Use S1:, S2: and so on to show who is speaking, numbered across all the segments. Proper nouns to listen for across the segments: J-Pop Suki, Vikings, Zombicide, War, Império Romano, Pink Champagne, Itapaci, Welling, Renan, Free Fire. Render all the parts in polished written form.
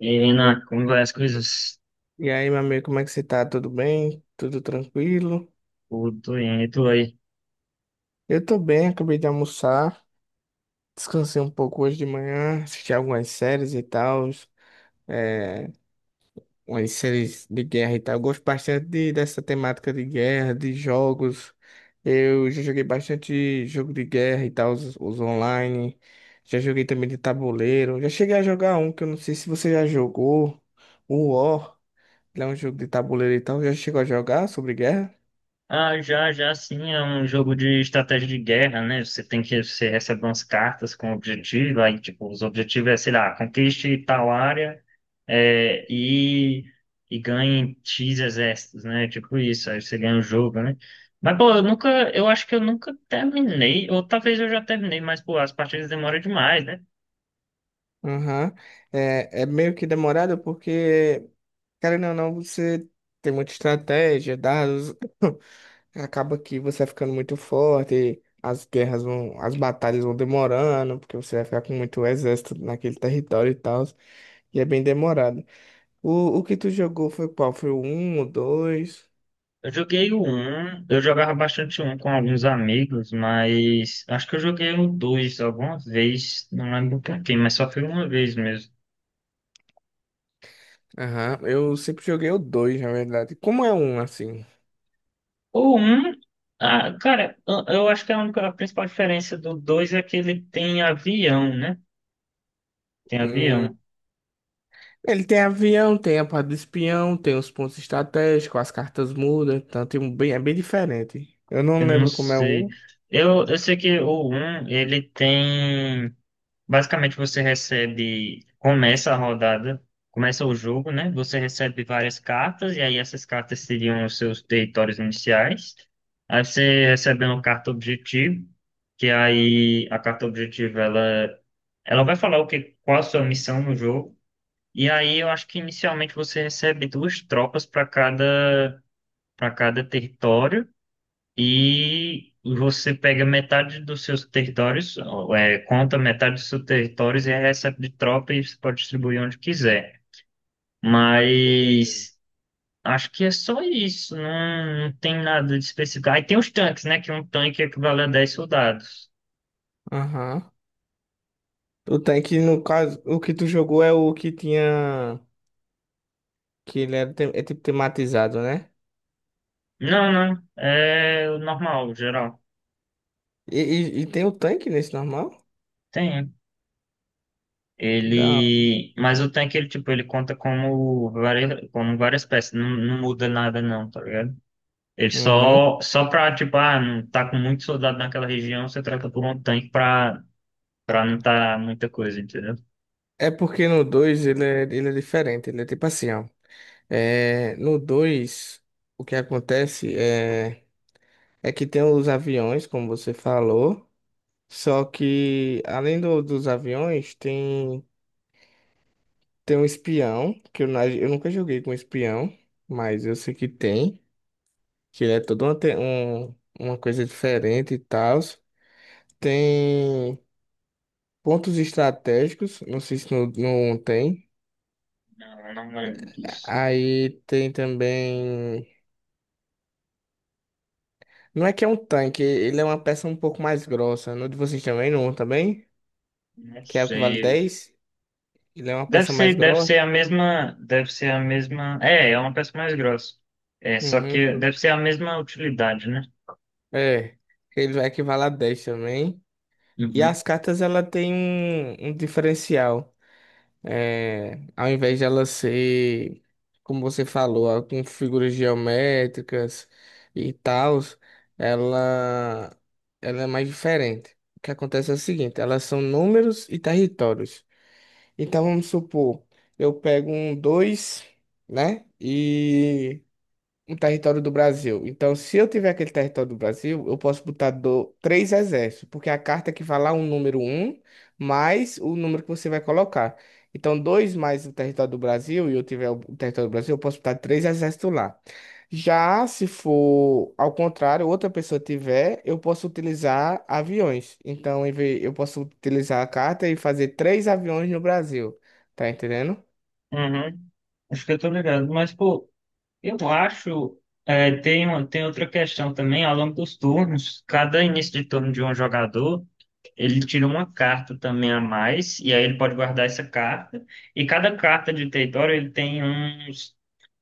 S1: E aí, Renan, como vai as coisas?
S2: E aí, meu amigo, como é que você tá? Tudo bem? Tudo tranquilo?
S1: Tudo bem, e tu aí?
S2: Eu tô bem, acabei de almoçar, descansei um pouco hoje de manhã, assisti algumas séries e tal, é, umas séries de guerra e tal. Eu gosto bastante dessa temática de guerra, de jogos. Eu já joguei bastante jogo de guerra e tal, os online. Já joguei também de tabuleiro. Já cheguei a jogar um que eu não sei se você já jogou, o War. Ele é um jogo de tabuleiro e tal. Já chegou a jogar sobre guerra?
S1: Ah, já, já sim, é um jogo de estratégia de guerra, né? Você recebe umas cartas com objetivo, aí, tipo, os objetivos é, sei lá, conquiste tal área, é, e, e ganhe X exércitos, né? Tipo isso, aí você ganha o jogo, né? Mas, pô, eu acho que eu nunca terminei, ou talvez eu já terminei, mas, pô, as partidas demoram demais, né?
S2: Aham. É meio que demorado porque, querendo ou não, você tem muita estratégia, dados, acaba que você vai ficando muito forte, as guerras vão, as batalhas vão demorando, porque você vai ficar com muito exército naquele território e tal, e é bem demorado. O que tu jogou foi qual? Foi o 1, o 2?
S1: Eu joguei o 1, eu jogava bastante um com alguns amigos, mas acho que eu joguei o 2 alguma vez, não lembro por quê, mas só foi uma vez mesmo.
S2: Aham, eu sempre joguei o 2 na verdade. Como é um, assim?
S1: O um, ah, cara, eu acho que a principal diferença do 2 é que ele tem avião, né? Tem avião,
S2: Ele tem avião, tem a parte do espião, tem os pontos estratégicos, as cartas mudam, então tem um bem, é bem diferente. Eu
S1: eu
S2: não
S1: não
S2: lembro como é
S1: sei.
S2: um.
S1: Eu sei que o um ele tem. Basicamente, começa a rodada, começa o jogo, né? Você recebe várias cartas, e aí essas cartas seriam os seus territórios iniciais. Aí você recebe uma carta objetivo, que aí a carta objetivo ela, ela vai falar qual a sua missão no jogo. E aí eu acho que inicialmente você recebe duas tropas para cada território e você pega metade dos seus territórios, ou, é, conta metade dos seus territórios e recebe de tropa e você pode distribuir onde quiser.
S2: Entendendo.
S1: Mas acho que é só isso, não tem nada de específico. Aí tem os tanques, né? Que um tanque equivale a 10 soldados.
S2: Aham. O tanque, no caso, o que tu jogou é o que tinha. Que ele era, é tipo tematizado, né?
S1: Não, não, é o normal, o geral.
S2: E tem o tanque nesse normal?
S1: Tem.
S2: Que dá.
S1: Ele, mas o tanque, ele tipo, ele conta como várias peças, não muda nada não, tá ligado? Ele
S2: Uhum.
S1: só, só pra, tipo, ah, não tá com muito soldado naquela região, você troca por um tanque pra, pra não tá muita coisa, entendeu?
S2: É porque no 2 ele é diferente, ele é tipo assim, ó. É, no 2 o que acontece é, é que tem os aviões, como você falou. Só que, além dos aviões, tem, tem um espião, que eu nunca joguei com espião, mas eu sei que tem, que ele é toda uma, uma coisa diferente e tal. Tem pontos estratégicos, não sei se não tem.
S1: Não, não lembro disso.
S2: Aí tem também. Não é que é um tanque, ele é uma peça um pouco mais grossa. No de vocês também, não também?
S1: Não
S2: Que é o que vale
S1: sei.
S2: dez. Ele é uma
S1: Deve
S2: peça mais
S1: ser,
S2: grossa.
S1: deve ser a mesma. É, é uma peça mais grossa. É, só
S2: Uhum.
S1: que deve ser a mesma utilidade, né?
S2: É. Ele vai equivaler a 10 também. E
S1: Uhum.
S2: as cartas, ela tem um diferencial. Ao invés de ela ser, como você falou, ah, com figuras geométricas e tal, ela, ela é mais diferente. O que acontece é o seguinte, elas são números e territórios. Então, vamos supor, eu pego um dois, né? E um território do Brasil. Então, se eu tiver aquele território do Brasil, eu posso botar do, três exércitos, porque a carta equivale a um número um mais o número que você vai colocar. Então, dois mais o território do Brasil, e eu tiver o território do Brasil, eu posso botar três exércitos lá. Já se for ao contrário, outra pessoa tiver, eu posso utilizar aviões. Então, eu posso utilizar a carta e fazer três aviões no Brasil. Tá entendendo?
S1: Uhum. Acho que eu tô ligado. Mas, pô, eu acho. Tem outra questão também, ao longo dos turnos, cada início de turno de um jogador. Ele tira uma carta também a mais, e aí ele pode guardar essa carta. E cada carta de território ele tem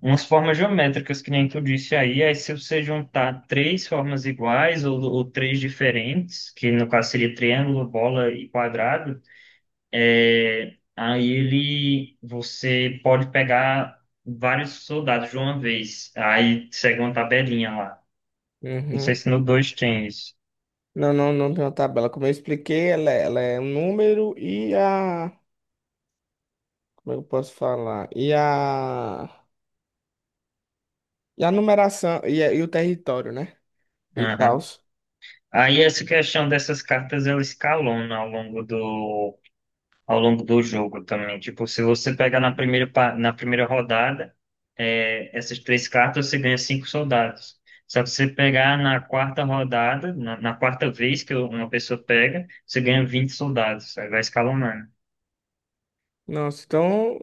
S1: umas formas geométricas, que nem que eu disse aí. Aí se você juntar três formas iguais ou três diferentes, que no caso seria triângulo, bola e quadrado, é, aí ele você pode pegar vários soldados de uma vez. Aí segue uma tabelinha lá. Não sei
S2: Uhum.
S1: se no 2 tem isso.
S2: Não tem uma tabela. Como eu expliquei, ela é um número e a. Como eu posso falar? E a. E a numeração e o território, né? E tal.
S1: Aí essa questão dessas cartas ela escalona ao longo do jogo também. Tipo, se você pegar na primeira rodada, é, essas três cartas você ganha cinco soldados. Só que se você pegar na quarta rodada, na quarta vez que uma pessoa pega, você ganha 20 soldados. Aí vai escalonando.
S2: Nossa, então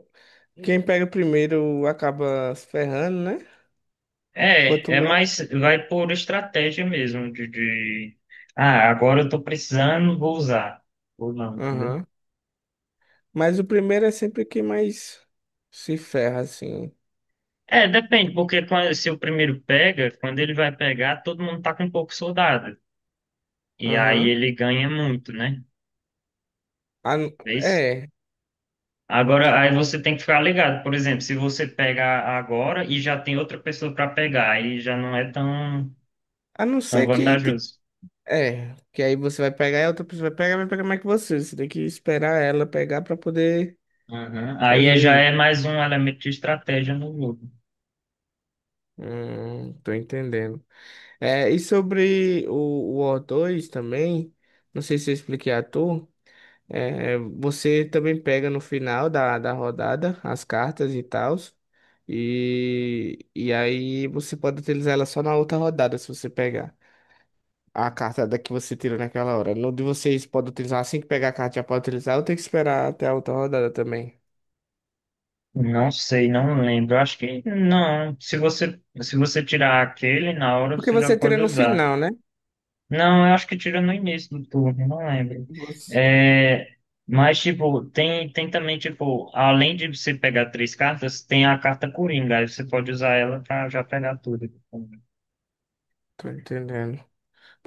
S2: quem pega primeiro acaba se ferrando, né? Quanto
S1: É, é
S2: mais.
S1: mais, vai por estratégia mesmo de... Ah, agora eu tô precisando, vou usar. Ou não, entendeu?
S2: Aham. Mas o primeiro é sempre quem mais se ferra, assim.
S1: É, depende, porque se o primeiro pega, quando ele vai pegar, todo mundo tá com um pouco soldado. E aí
S2: Aham.
S1: ele ganha muito, né? Vês?
S2: É.
S1: Agora, aí você tem que ficar ligado. Por exemplo, se você pegar agora e já tem outra pessoa para pegar, aí já não é tão,
S2: A não
S1: tão
S2: ser que. Ti-
S1: vantajoso.
S2: É. Que aí você vai pegar e a outra pessoa vai pegar mais que você. Você tem que esperar ela pegar pra poder.
S1: Uhum. Aí é, já
S2: Fazer.
S1: é mais um elemento de estratégia no jogo.
S2: Tô entendendo. E sobre o O2 também, não sei se eu expliquei a tu, é, você também pega no final da rodada as cartas e tal, e aí você pode utilizar ela só na outra rodada, se você pegar a carta da que você tirou naquela hora. No de vocês pode utilizar assim que pegar a carta, já pode utilizar, ou tem que esperar até a outra rodada também?
S1: Não sei, não lembro. Acho que não. Se você tirar aquele, na hora
S2: Porque
S1: você já
S2: você tira
S1: pode
S2: no
S1: usar.
S2: final, né?
S1: Não, eu acho que tira no início do turno, não lembro.
S2: Você...
S1: É, mas, tipo, tem também, tipo, além de você pegar três cartas, tem a carta Coringa, aí você pode usar ela pra já pegar tudo, tipo,
S2: Tô entendendo.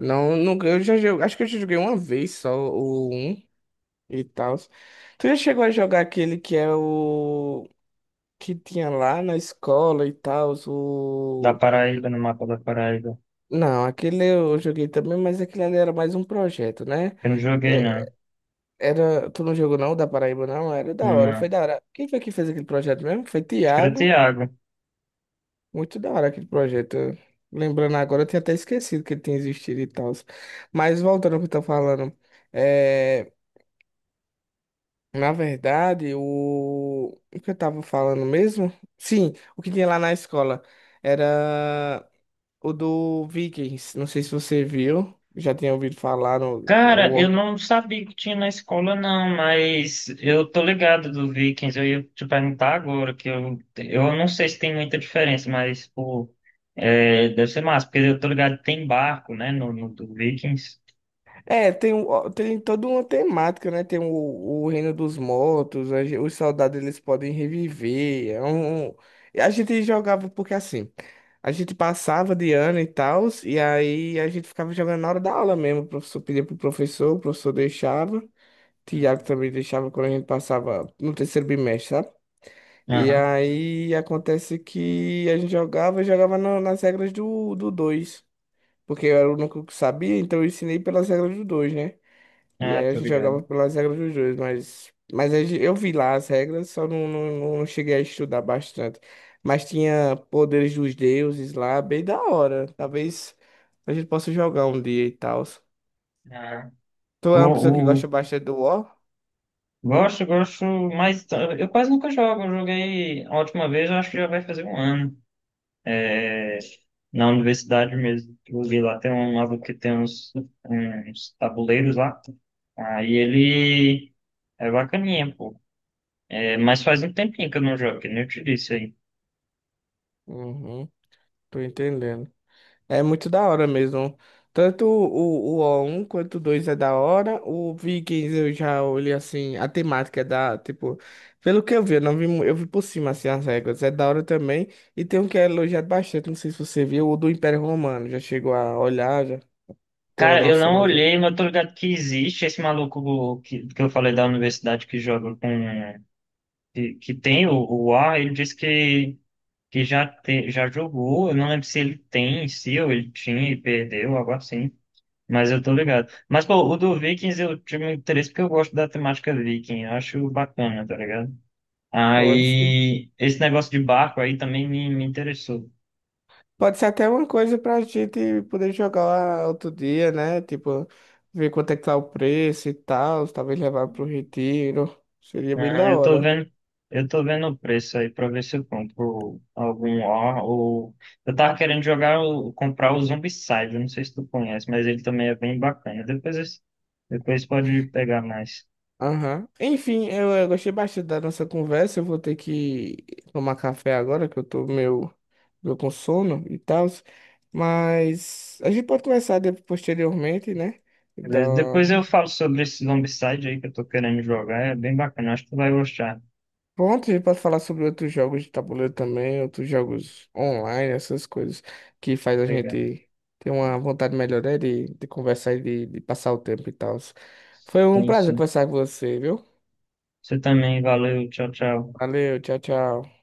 S2: Não, nunca. Eu já joguei. Acho que eu já joguei uma vez só o um e tal. Tu já chegou a jogar aquele que é o. Que tinha lá na escola e tal,
S1: da
S2: o.
S1: Paraíba, no mapa da Paraíba.
S2: Não, aquele eu joguei também, mas aquele ali era mais um projeto, né?
S1: Eu não joguei, não.
S2: É, era. Tu não jogou não, o da Paraíba, não? Era da hora, foi
S1: Não.
S2: da hora. Quem foi que fez aquele projeto mesmo? Foi
S1: Acho que era
S2: Tiago.
S1: Thiago.
S2: Muito da hora aquele projeto. Lembrando agora, eu tinha até esquecido que ele tinha existido e tal. Mas voltando ao que eu tô falando. é, Na verdade, o que eu tava falando mesmo? Sim, o que tinha lá na escola era o do Vikings. Não sei se você viu, já tinha ouvido falar
S1: Cara, eu não sabia que tinha na escola, não, mas eu tô ligado do Vikings. Eu ia te perguntar agora, que eu não sei se tem muita diferença, mas, pô, é, deve ser massa, porque eu tô ligado que tem barco, né, no do Vikings.
S2: É, tem, tem toda uma temática, né? Tem o Reino dos Mortos, os soldados eles podem reviver. É um... um, e a gente jogava porque assim, a gente passava de ano e tal, e aí a gente ficava jogando na hora da aula mesmo. O professor pedia pro professor, o professor deixava. Tiago
S1: Uhum.
S2: também deixava quando a gente passava no terceiro bimestre, sabe? E
S1: Aham.
S2: aí acontece que a gente jogava, e jogava nas regras do 2, porque eu era o único que sabia, então eu ensinei pelas regras do 2, né? E
S1: Ah,
S2: aí a
S1: tô
S2: gente
S1: ligado.
S2: jogava pelas regras dos dois, mas, eu vi lá as regras, só não cheguei a estudar bastante. Mas tinha poderes dos deuses lá, bem da hora. Talvez a gente possa jogar um dia e tal.
S1: Aham.
S2: Tu é
S1: O,
S2: uma pessoa que
S1: o,
S2: gosta bastante do War?
S1: gosto, mas eu quase nunca jogo. Eu joguei a última vez, eu acho que já vai fazer um ano. É, na universidade mesmo. Eu vi lá, tem um lado que tem uns tabuleiros lá. Aí ele é bacaninha, pô. É, mas faz um tempinho que eu não jogo, que nem eu te disse aí.
S2: Uhum, tô entendendo. É muito da hora mesmo. Tanto o O1 quanto o 2 é da hora. O Vikings eu já olhei assim, a temática é da, tipo, pelo que eu vi, eu não vi, eu vi por cima assim as regras. É da hora também. E tem um que é elogiado bastante, não sei se você viu, o do Império Romano. Já chegou a olhar, já tem uma
S1: Cara, eu
S2: noção
S1: não
S2: mais ou
S1: olhei, mas eu tô ligado que existe esse maluco que eu falei da universidade que joga com. Que tem o A, ele disse já jogou. Eu não lembro se ele tem em si ou ele tinha e perdeu, algo assim. Mas eu tô
S2: menos.
S1: ligado. Mas, pô, o do Vikings eu tive um interesse porque eu gosto da temática Viking. Eu acho bacana, tá ligado?
S2: Pode ser.
S1: Aí, esse negócio de barco aí também me interessou.
S2: Pode ser até uma coisa pra gente poder jogar outro dia, né? Tipo, ver quanto é que tá o preço e tal, talvez levar pro retiro. Seria bem da
S1: Aham,
S2: hora.
S1: eu tô vendo o preço aí pra ver se eu compro algum ó, ou... Eu tava querendo jogar, comprar o Zombicide, eu não sei se tu conhece, mas ele também é bem bacana. Depois, depois pode pegar mais.
S2: Aham. Enfim, eu gostei bastante da nossa conversa. Eu vou ter que tomar café agora, que eu tô meio, meio com sono e tal. Mas a gente pode começar posteriormente, né? Da...
S1: Beleza? Depois eu falo sobre esse Zombicide aí que eu tô querendo jogar, é bem bacana, acho que tu vai gostar.
S2: Pronto, a gente pode falar sobre outros jogos de tabuleiro também, outros jogos online, essas coisas que faz a
S1: Legal.
S2: gente ter uma vontade melhor, né? De conversar e de passar o tempo e tal. Foi um
S1: Sim,
S2: prazer
S1: sim.
S2: conversar com você, viu?
S1: Você também, valeu, tchau, tchau.
S2: Valeu, tchau, tchau.